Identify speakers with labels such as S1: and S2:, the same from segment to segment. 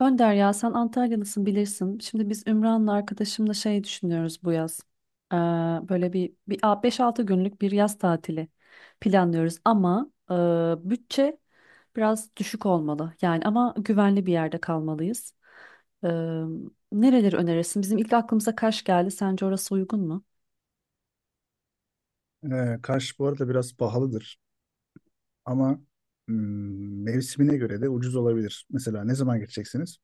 S1: Önder ya sen Antalyalısın bilirsin. Şimdi biz Ümran'la arkadaşımla şey düşünüyoruz bu yaz. Ee, böyle bir 5-6 günlük bir yaz tatili planlıyoruz ama bütçe biraz düşük olmalı. Yani ama güvenli bir yerde kalmalıyız. Ee, nereleri önerirsin? Bizim ilk aklımıza Kaş geldi. Sence orası uygun mu?
S2: Kaş bu arada biraz pahalıdır ama mevsimine göre de ucuz olabilir. Mesela ne zaman gideceksiniz?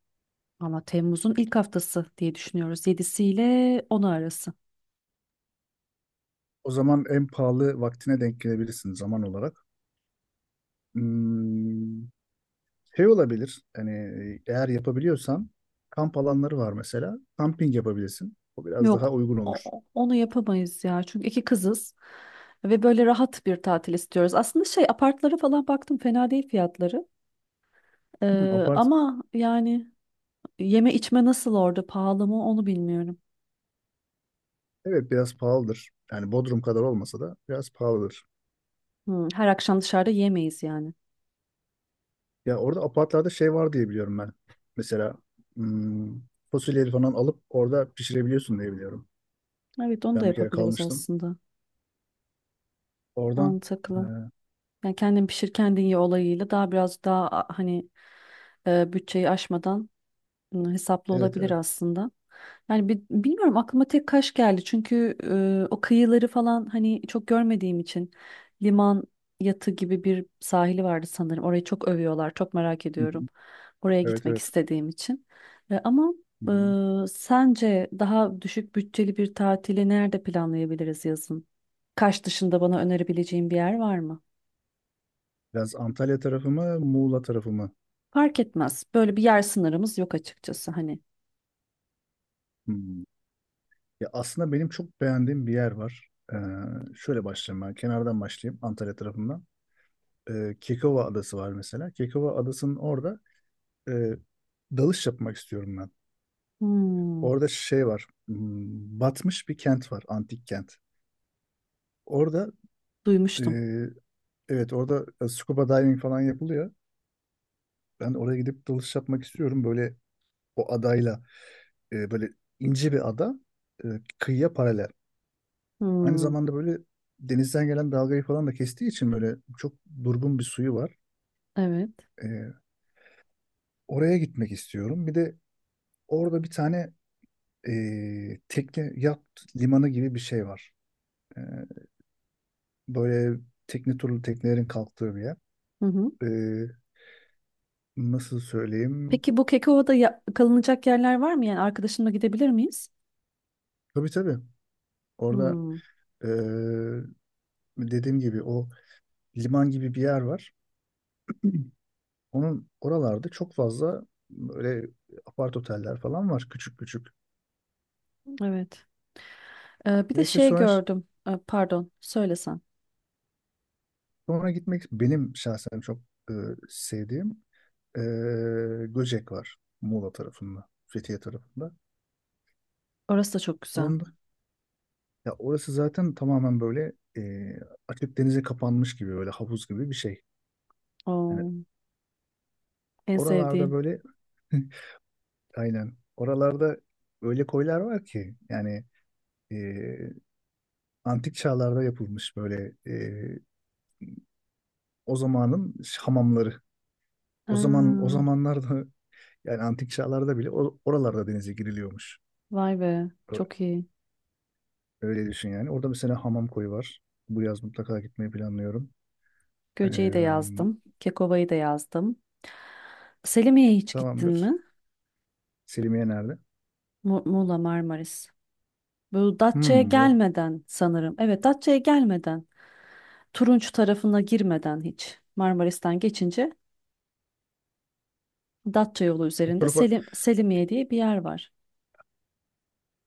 S1: Ama Temmuz'un ilk haftası diye düşünüyoruz. 7'si ile 10'u arası.
S2: O zaman en pahalı vaktine denk gelebilirsiniz zaman olarak. Hmm, Şey olabilir, yani eğer yapabiliyorsan kamp alanları var mesela. Kamping yapabilirsin. O biraz daha
S1: Yok
S2: uygun olur.
S1: onu yapamayız ya. Çünkü iki kızız ve böyle rahat bir tatil istiyoruz. Aslında şey apartlara falan baktım, fena değil fiyatları. Ee,
S2: Apart,
S1: ama yani yeme içme nasıl, orada pahalı mı onu bilmiyorum.
S2: evet, biraz pahalıdır. Yani Bodrum kadar olmasa da biraz pahalıdır.
S1: Her akşam dışarıda yemeyiz yani.
S2: Ya orada apartlarda şey var diye biliyorum ben. Mesela hmm, fasulyeleri falan alıp orada pişirebiliyorsun diye biliyorum.
S1: Evet, onu da
S2: Ben bir kere
S1: yapabiliriz
S2: kalmıştım.
S1: aslında.
S2: Oradan e,
S1: Mantıklı. Yani kendin pişir kendin ye olayıyla daha biraz daha hani bütçeyi aşmadan hesaplı
S2: evet,
S1: olabilir
S2: evet.
S1: aslında. Yani bilmiyorum, aklıma tek Kaş geldi. Çünkü o kıyıları falan hani çok görmediğim için, liman yatı gibi bir sahili vardı sanırım. Orayı çok övüyorlar. Çok merak
S2: Hı hı.
S1: ediyorum. Oraya
S2: Evet,
S1: gitmek
S2: evet.
S1: istediğim için. Ama
S2: Hı hı.
S1: sence daha düşük bütçeli bir tatili nerede planlayabiliriz yazın? Kaş dışında bana önerebileceğin bir yer var mı?
S2: Biraz Antalya tarafı mı, Muğla tarafı mı?
S1: Fark etmez. Böyle bir yer sınırımız yok açıkçası hani.
S2: Hmm. Ya aslında benim çok beğendiğim bir yer var. Şöyle başlayayım ben. Kenardan başlayayım Antalya tarafından. Kekova Adası var mesela. Kekova Adası'nın orada e, dalış yapmak istiyorum ben.
S1: Hmm,
S2: Orada şey var. Batmış bir kent var. Antik kent. Orada e,
S1: duymuştum.
S2: evet, orada scuba diving falan yapılıyor. Ben oraya gidip dalış yapmak istiyorum. Böyle o adayla, böyle ince bir ada e, kıyıya paralel. Aynı
S1: Hmm.
S2: zamanda böyle denizden gelen dalgayı falan da kestiği için böyle çok durgun bir suyu var.
S1: Evet.
S2: E, Oraya gitmek istiyorum. Bir de orada bir tane tekne yat limanı gibi bir şey var. E, Böyle tekne turlu teknelerin kalktığı bir yer.
S1: Hı hı.
S2: E, Nasıl söyleyeyim?
S1: Peki bu Kekova'da kalınacak yerler var mı? Yani arkadaşımla gidebilir miyiz?
S2: Tabii tabii. Orada
S1: Hmm,
S2: e, dediğim gibi o liman gibi bir yer var. Onun oralarda çok fazla böyle apart oteller falan var, küçük küçük.
S1: evet. Bir de
S2: Neyse
S1: şey
S2: sonra,
S1: gördüm. Pardon, söylesen.
S2: sonra gitmek benim şahsen çok e, sevdiğim, e, Göcek var Muğla tarafında, Fethiye tarafında.
S1: Orası da çok güzel.
S2: Onda, Ya orası zaten tamamen böyle, açık denize kapanmış gibi böyle havuz gibi bir şey. Yani
S1: Oo, en
S2: oralarda
S1: sevdiğim.
S2: böyle aynen oralarda öyle koylar var ki yani, e, antik çağlarda yapılmış böyle, o zamanın hamamları. O zaman o
S1: Aa,
S2: zamanlarda yani antik çağlarda bile oralarda denize giriliyormuş.
S1: vay be,
S2: Ö-
S1: çok iyi.
S2: Öyle düşün yani. Orada mesela hamam koyu var. Bu yaz mutlaka gitmeyi planlıyorum. Ee,
S1: Göce'yi de yazdım. Kekova'yı da yazdım. Selimiye'ye hiç gittin mi?
S2: Tamamdır. Selimiye nerede?
S1: Muğla, Marmaris. Bu Datça'ya
S2: Hmm, o,
S1: gelmeden sanırım. Evet, Datça'ya gelmeden. Turunç tarafına girmeden hiç. Marmaris'ten geçince Datça yolu
S2: o
S1: üzerinde
S2: tarafa
S1: Selimiye diye bir yer var.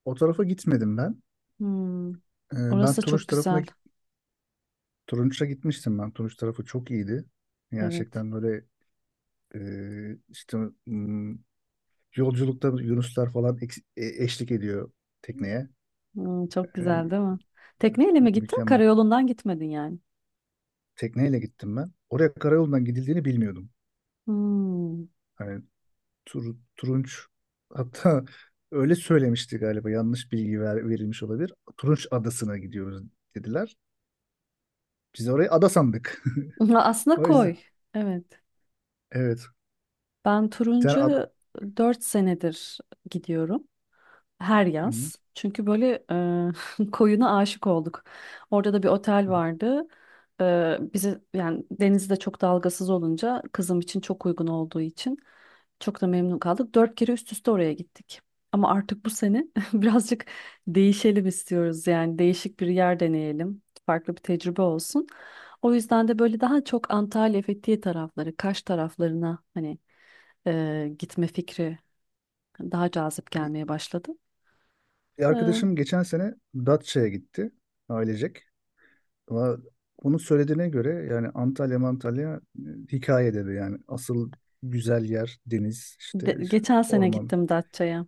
S2: o tarafa gitmedim ben.
S1: Hmm,
S2: Ee, ben
S1: Orası da
S2: Turunç
S1: çok
S2: tarafına
S1: güzel.
S2: git- Turunç'a gitmiştim ben. Turunç tarafı çok iyiydi.
S1: Evet.
S2: Gerçekten böyle, işte hmm, yolculukta yunuslar falan eşlik ediyor tekneye.
S1: Çok güzel
S2: E,
S1: değil mi? Tekneyle mi gittin?
S2: Mükemmel.
S1: Karayolundan gitmedin yani.
S2: Tekneyle gittim ben. Oraya karayolundan gidildiğini bilmiyordum.
S1: Hmm.
S2: Hani Turunç, hatta öyle söylemişti galiba, yanlış bilgi verilmiş olabilir. Turunç Adası'na gidiyoruz dediler. Biz orayı ada sandık.
S1: Aslında
S2: O yüzden,
S1: koy. Evet.
S2: evet.
S1: Ben
S2: Yani.
S1: Turuncu 4 senedir gidiyorum. Her
S2: Hı
S1: yaz. Çünkü böyle koyuna aşık olduk. Orada da bir otel
S2: hı.
S1: vardı. E, bize yani, denizi de çok dalgasız olunca kızım için çok uygun olduğu için çok da memnun kaldık. 4 kere üst üste oraya gittik. Ama artık bu sene birazcık değişelim istiyoruz. Yani değişik bir yer deneyelim. Farklı bir tecrübe olsun. O yüzden de böyle daha çok Antalya, Fethiye tarafları, Kaş taraflarına hani gitme fikri daha cazip
S2: Bir,
S1: gelmeye başladı.
S2: bir arkadaşım geçen sene Datça'ya gitti ailecek. Ama onun söylediğine göre yani Antalya Antalya hikaye dedi yani, asıl güzel yer deniz işte,
S1: Geçen sene
S2: orman.
S1: gittim Datça'ya.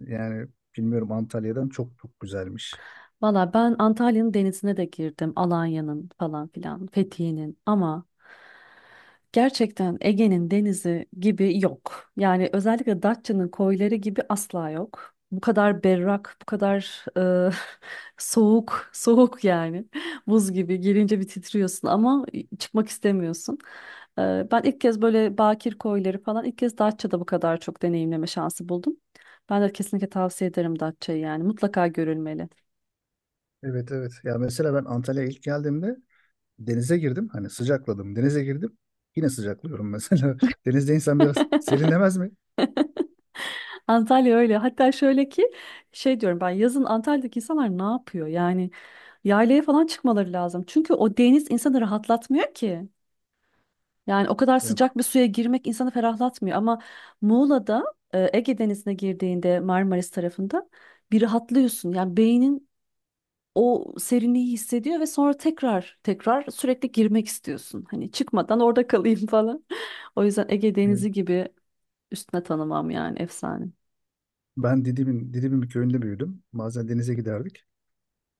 S2: Yani bilmiyorum, Antalya'dan çok çok güzelmiş.
S1: Valla ben Antalya'nın denizine de girdim. Alanya'nın falan filan, Fethiye'nin, ama gerçekten Ege'nin denizi gibi yok. Yani özellikle Datça'nın koyları gibi asla yok. Bu kadar berrak, bu kadar e, soğuk, soğuk yani. Buz gibi girince bir titriyorsun ama çıkmak istemiyorsun. Ben ilk kez böyle bakir koyları falan ilk kez Datça'da bu kadar çok deneyimleme şansı buldum. Ben de kesinlikle tavsiye ederim Datça'yı, yani mutlaka görülmeli.
S2: Evet, evet. Ya mesela ben Antalya'ya ilk geldiğimde denize girdim. Hani sıcakladım. Denize girdim. Yine sıcaklıyorum mesela. Denizde insan biraz serinlemez mi?
S1: Antalya öyle. Hatta şöyle ki, şey diyorum ben, yazın Antalya'daki insanlar ne yapıyor? Yani yaylaya falan çıkmaları lazım. Çünkü o deniz insanı rahatlatmıyor ki. Yani o kadar
S2: Yok.
S1: sıcak bir suya girmek insanı ferahlatmıyor. Ama Muğla'da Ege Denizi'ne girdiğinde, Marmaris tarafında, bir rahatlıyorsun. Yani beynin o serinliği hissediyor ve sonra tekrar tekrar sürekli girmek istiyorsun. Hani çıkmadan orada kalayım falan. O yüzden Ege
S2: Evet.
S1: Denizi gibi üstüne tanımam, yani efsane.
S2: Ben Didim'in bir köyünde büyüdüm. Bazen denize giderdik.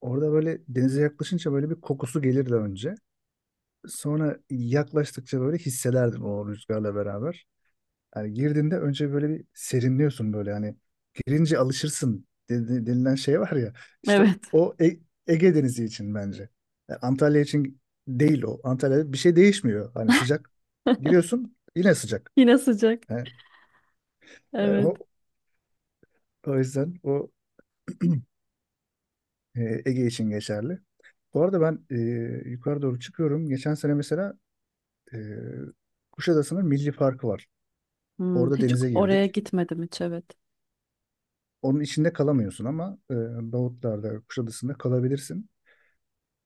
S2: Orada böyle denize yaklaşınca böyle bir kokusu gelirdi önce. Sonra yaklaştıkça böyle hissederdim o rüzgarla beraber. Yani girdiğinde önce böyle bir serinliyorsun, böyle hani girince alışırsın denilen şey var ya, işte
S1: Evet.
S2: o, Ege Denizi için bence. Yani Antalya için değil o. Antalya'da bir şey değişmiyor. Hani sıcak giriyorsun, yine sıcak.
S1: Yine sıcak.
S2: Yani, yani
S1: Evet.
S2: o yüzden Ege için geçerli. Bu arada ben yukarı doğru çıkıyorum. Geçen sene mesela e, Kuşadası'nın Milli Parkı var. Orada
S1: Hiç
S2: denize
S1: oraya
S2: girdik.
S1: gitmedim hiç, evet.
S2: Onun içinde kalamıyorsun ama Davutlar'da, Kuşadası'nda kalabilirsin.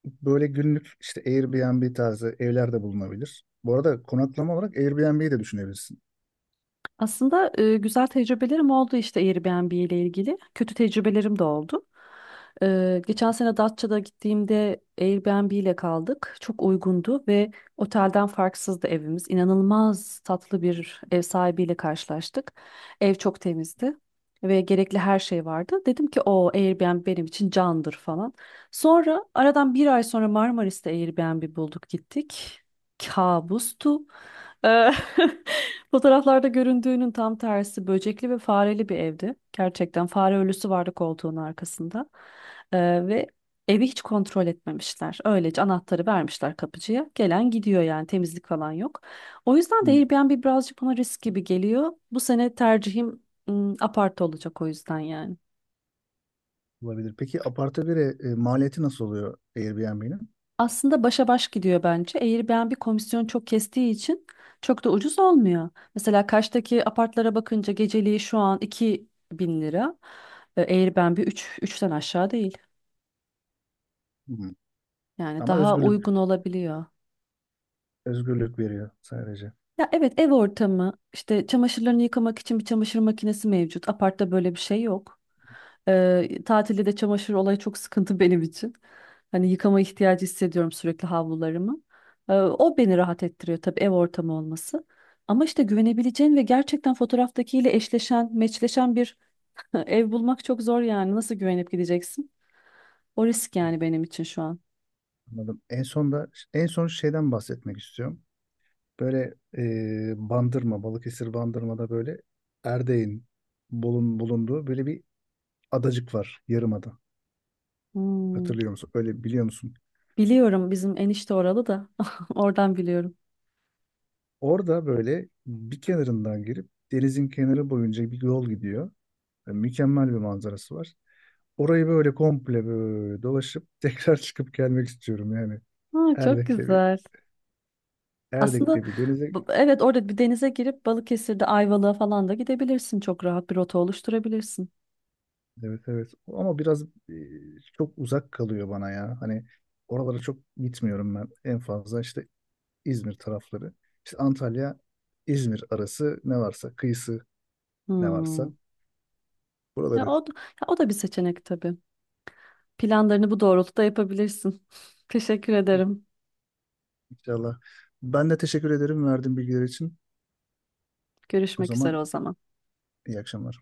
S2: Böyle günlük işte Airbnb tarzı evler de bulunabilir. Bu arada konaklama olarak Airbnb'yi de düşünebilirsin.
S1: Aslında güzel tecrübelerim oldu işte Airbnb ile ilgili. Kötü tecrübelerim de oldu. Geçen sene Datça'da gittiğimde Airbnb ile kaldık. Çok uygundu ve otelden farksızdı evimiz. İnanılmaz tatlı bir ev sahibiyle karşılaştık. Ev çok temizdi ve gerekli her şey vardı. Dedim ki o Airbnb benim için candır falan. Sonra, aradan bir ay sonra, Marmaris'te Airbnb bulduk gittik. Kabustu. Eee, fotoğraflarda göründüğünün tam tersi, böcekli ve fareli bir evdi. Gerçekten fare ölüsü vardı koltuğun arkasında. Ve evi hiç kontrol etmemişler. Öylece anahtarı vermişler kapıcıya. Gelen gidiyor yani, temizlik falan yok. O yüzden de
S2: Hmm.
S1: Airbnb birazcık bana risk gibi geliyor. Bu sene tercihim apart olacak o yüzden yani.
S2: Olabilir. Peki aparte bire maliyeti nasıl oluyor Airbnb'nin?
S1: Aslında başa baş gidiyor bence. Airbnb komisyon çok kestiği için çok da ucuz olmuyor. Mesela Kaş'taki apartlara bakınca geceliği şu an 2.000 lira. Airbnb üçten aşağı değil.
S2: Hmm.
S1: Yani
S2: Ama
S1: daha
S2: özgürlük
S1: uygun olabiliyor.
S2: özgürlük veriyor sadece.
S1: Ya evet, ev ortamı işte, çamaşırlarını yıkamak için bir çamaşır makinesi mevcut. Apartta böyle bir şey yok. Tatilde de çamaşır olayı çok sıkıntı benim için. Hani yıkama ihtiyacı hissediyorum sürekli havlularımı. O beni rahat ettiriyor tabii, ev ortamı olması. Ama işte güvenebileceğin ve gerçekten fotoğraftakiyle eşleşen, meçleşen bir ev bulmak çok zor yani. Nasıl güvenip gideceksin? O risk yani benim için şu an.
S2: Anladım. En son şeyden bahsetmek istiyorum. Böyle Balıkesir Bandırma'da böyle Erdeğ'in bulunduğu böyle bir adacık var. Yarımada.
S1: Hmm.
S2: Hatırlıyor musun? Öyle biliyor musun?
S1: Biliyorum, bizim enişte oralı da oradan biliyorum.
S2: Orada böyle bir kenarından girip denizin kenarı boyunca bir yol gidiyor. Yani mükemmel bir manzarası var. Orayı böyle komple, böyle dolaşıp tekrar çıkıp gelmek istiyorum yani.
S1: Ha, çok
S2: Erdek'te bir
S1: güzel. Aslında
S2: Erdek'te bir denize,
S1: evet, orada bir denize girip Balıkesir'de Ayvalık'a falan da gidebilirsin. Çok rahat bir rota oluşturabilirsin.
S2: evet, evet, ama biraz çok uzak kalıyor bana ya. Hani oralara çok gitmiyorum ben. En fazla işte İzmir tarafları. İşte Antalya, İzmir arası ne varsa, kıyısı ne varsa,
S1: Hmm. Ya
S2: buraları.
S1: o, da- ya o da bir seçenek tabii. Planlarını bu doğrultuda yapabilirsin. Teşekkür ederim.
S2: İnşallah. Ben de teşekkür ederim verdiğin bilgiler için. O
S1: Görüşmek üzere
S2: zaman
S1: o zaman.
S2: iyi akşamlar.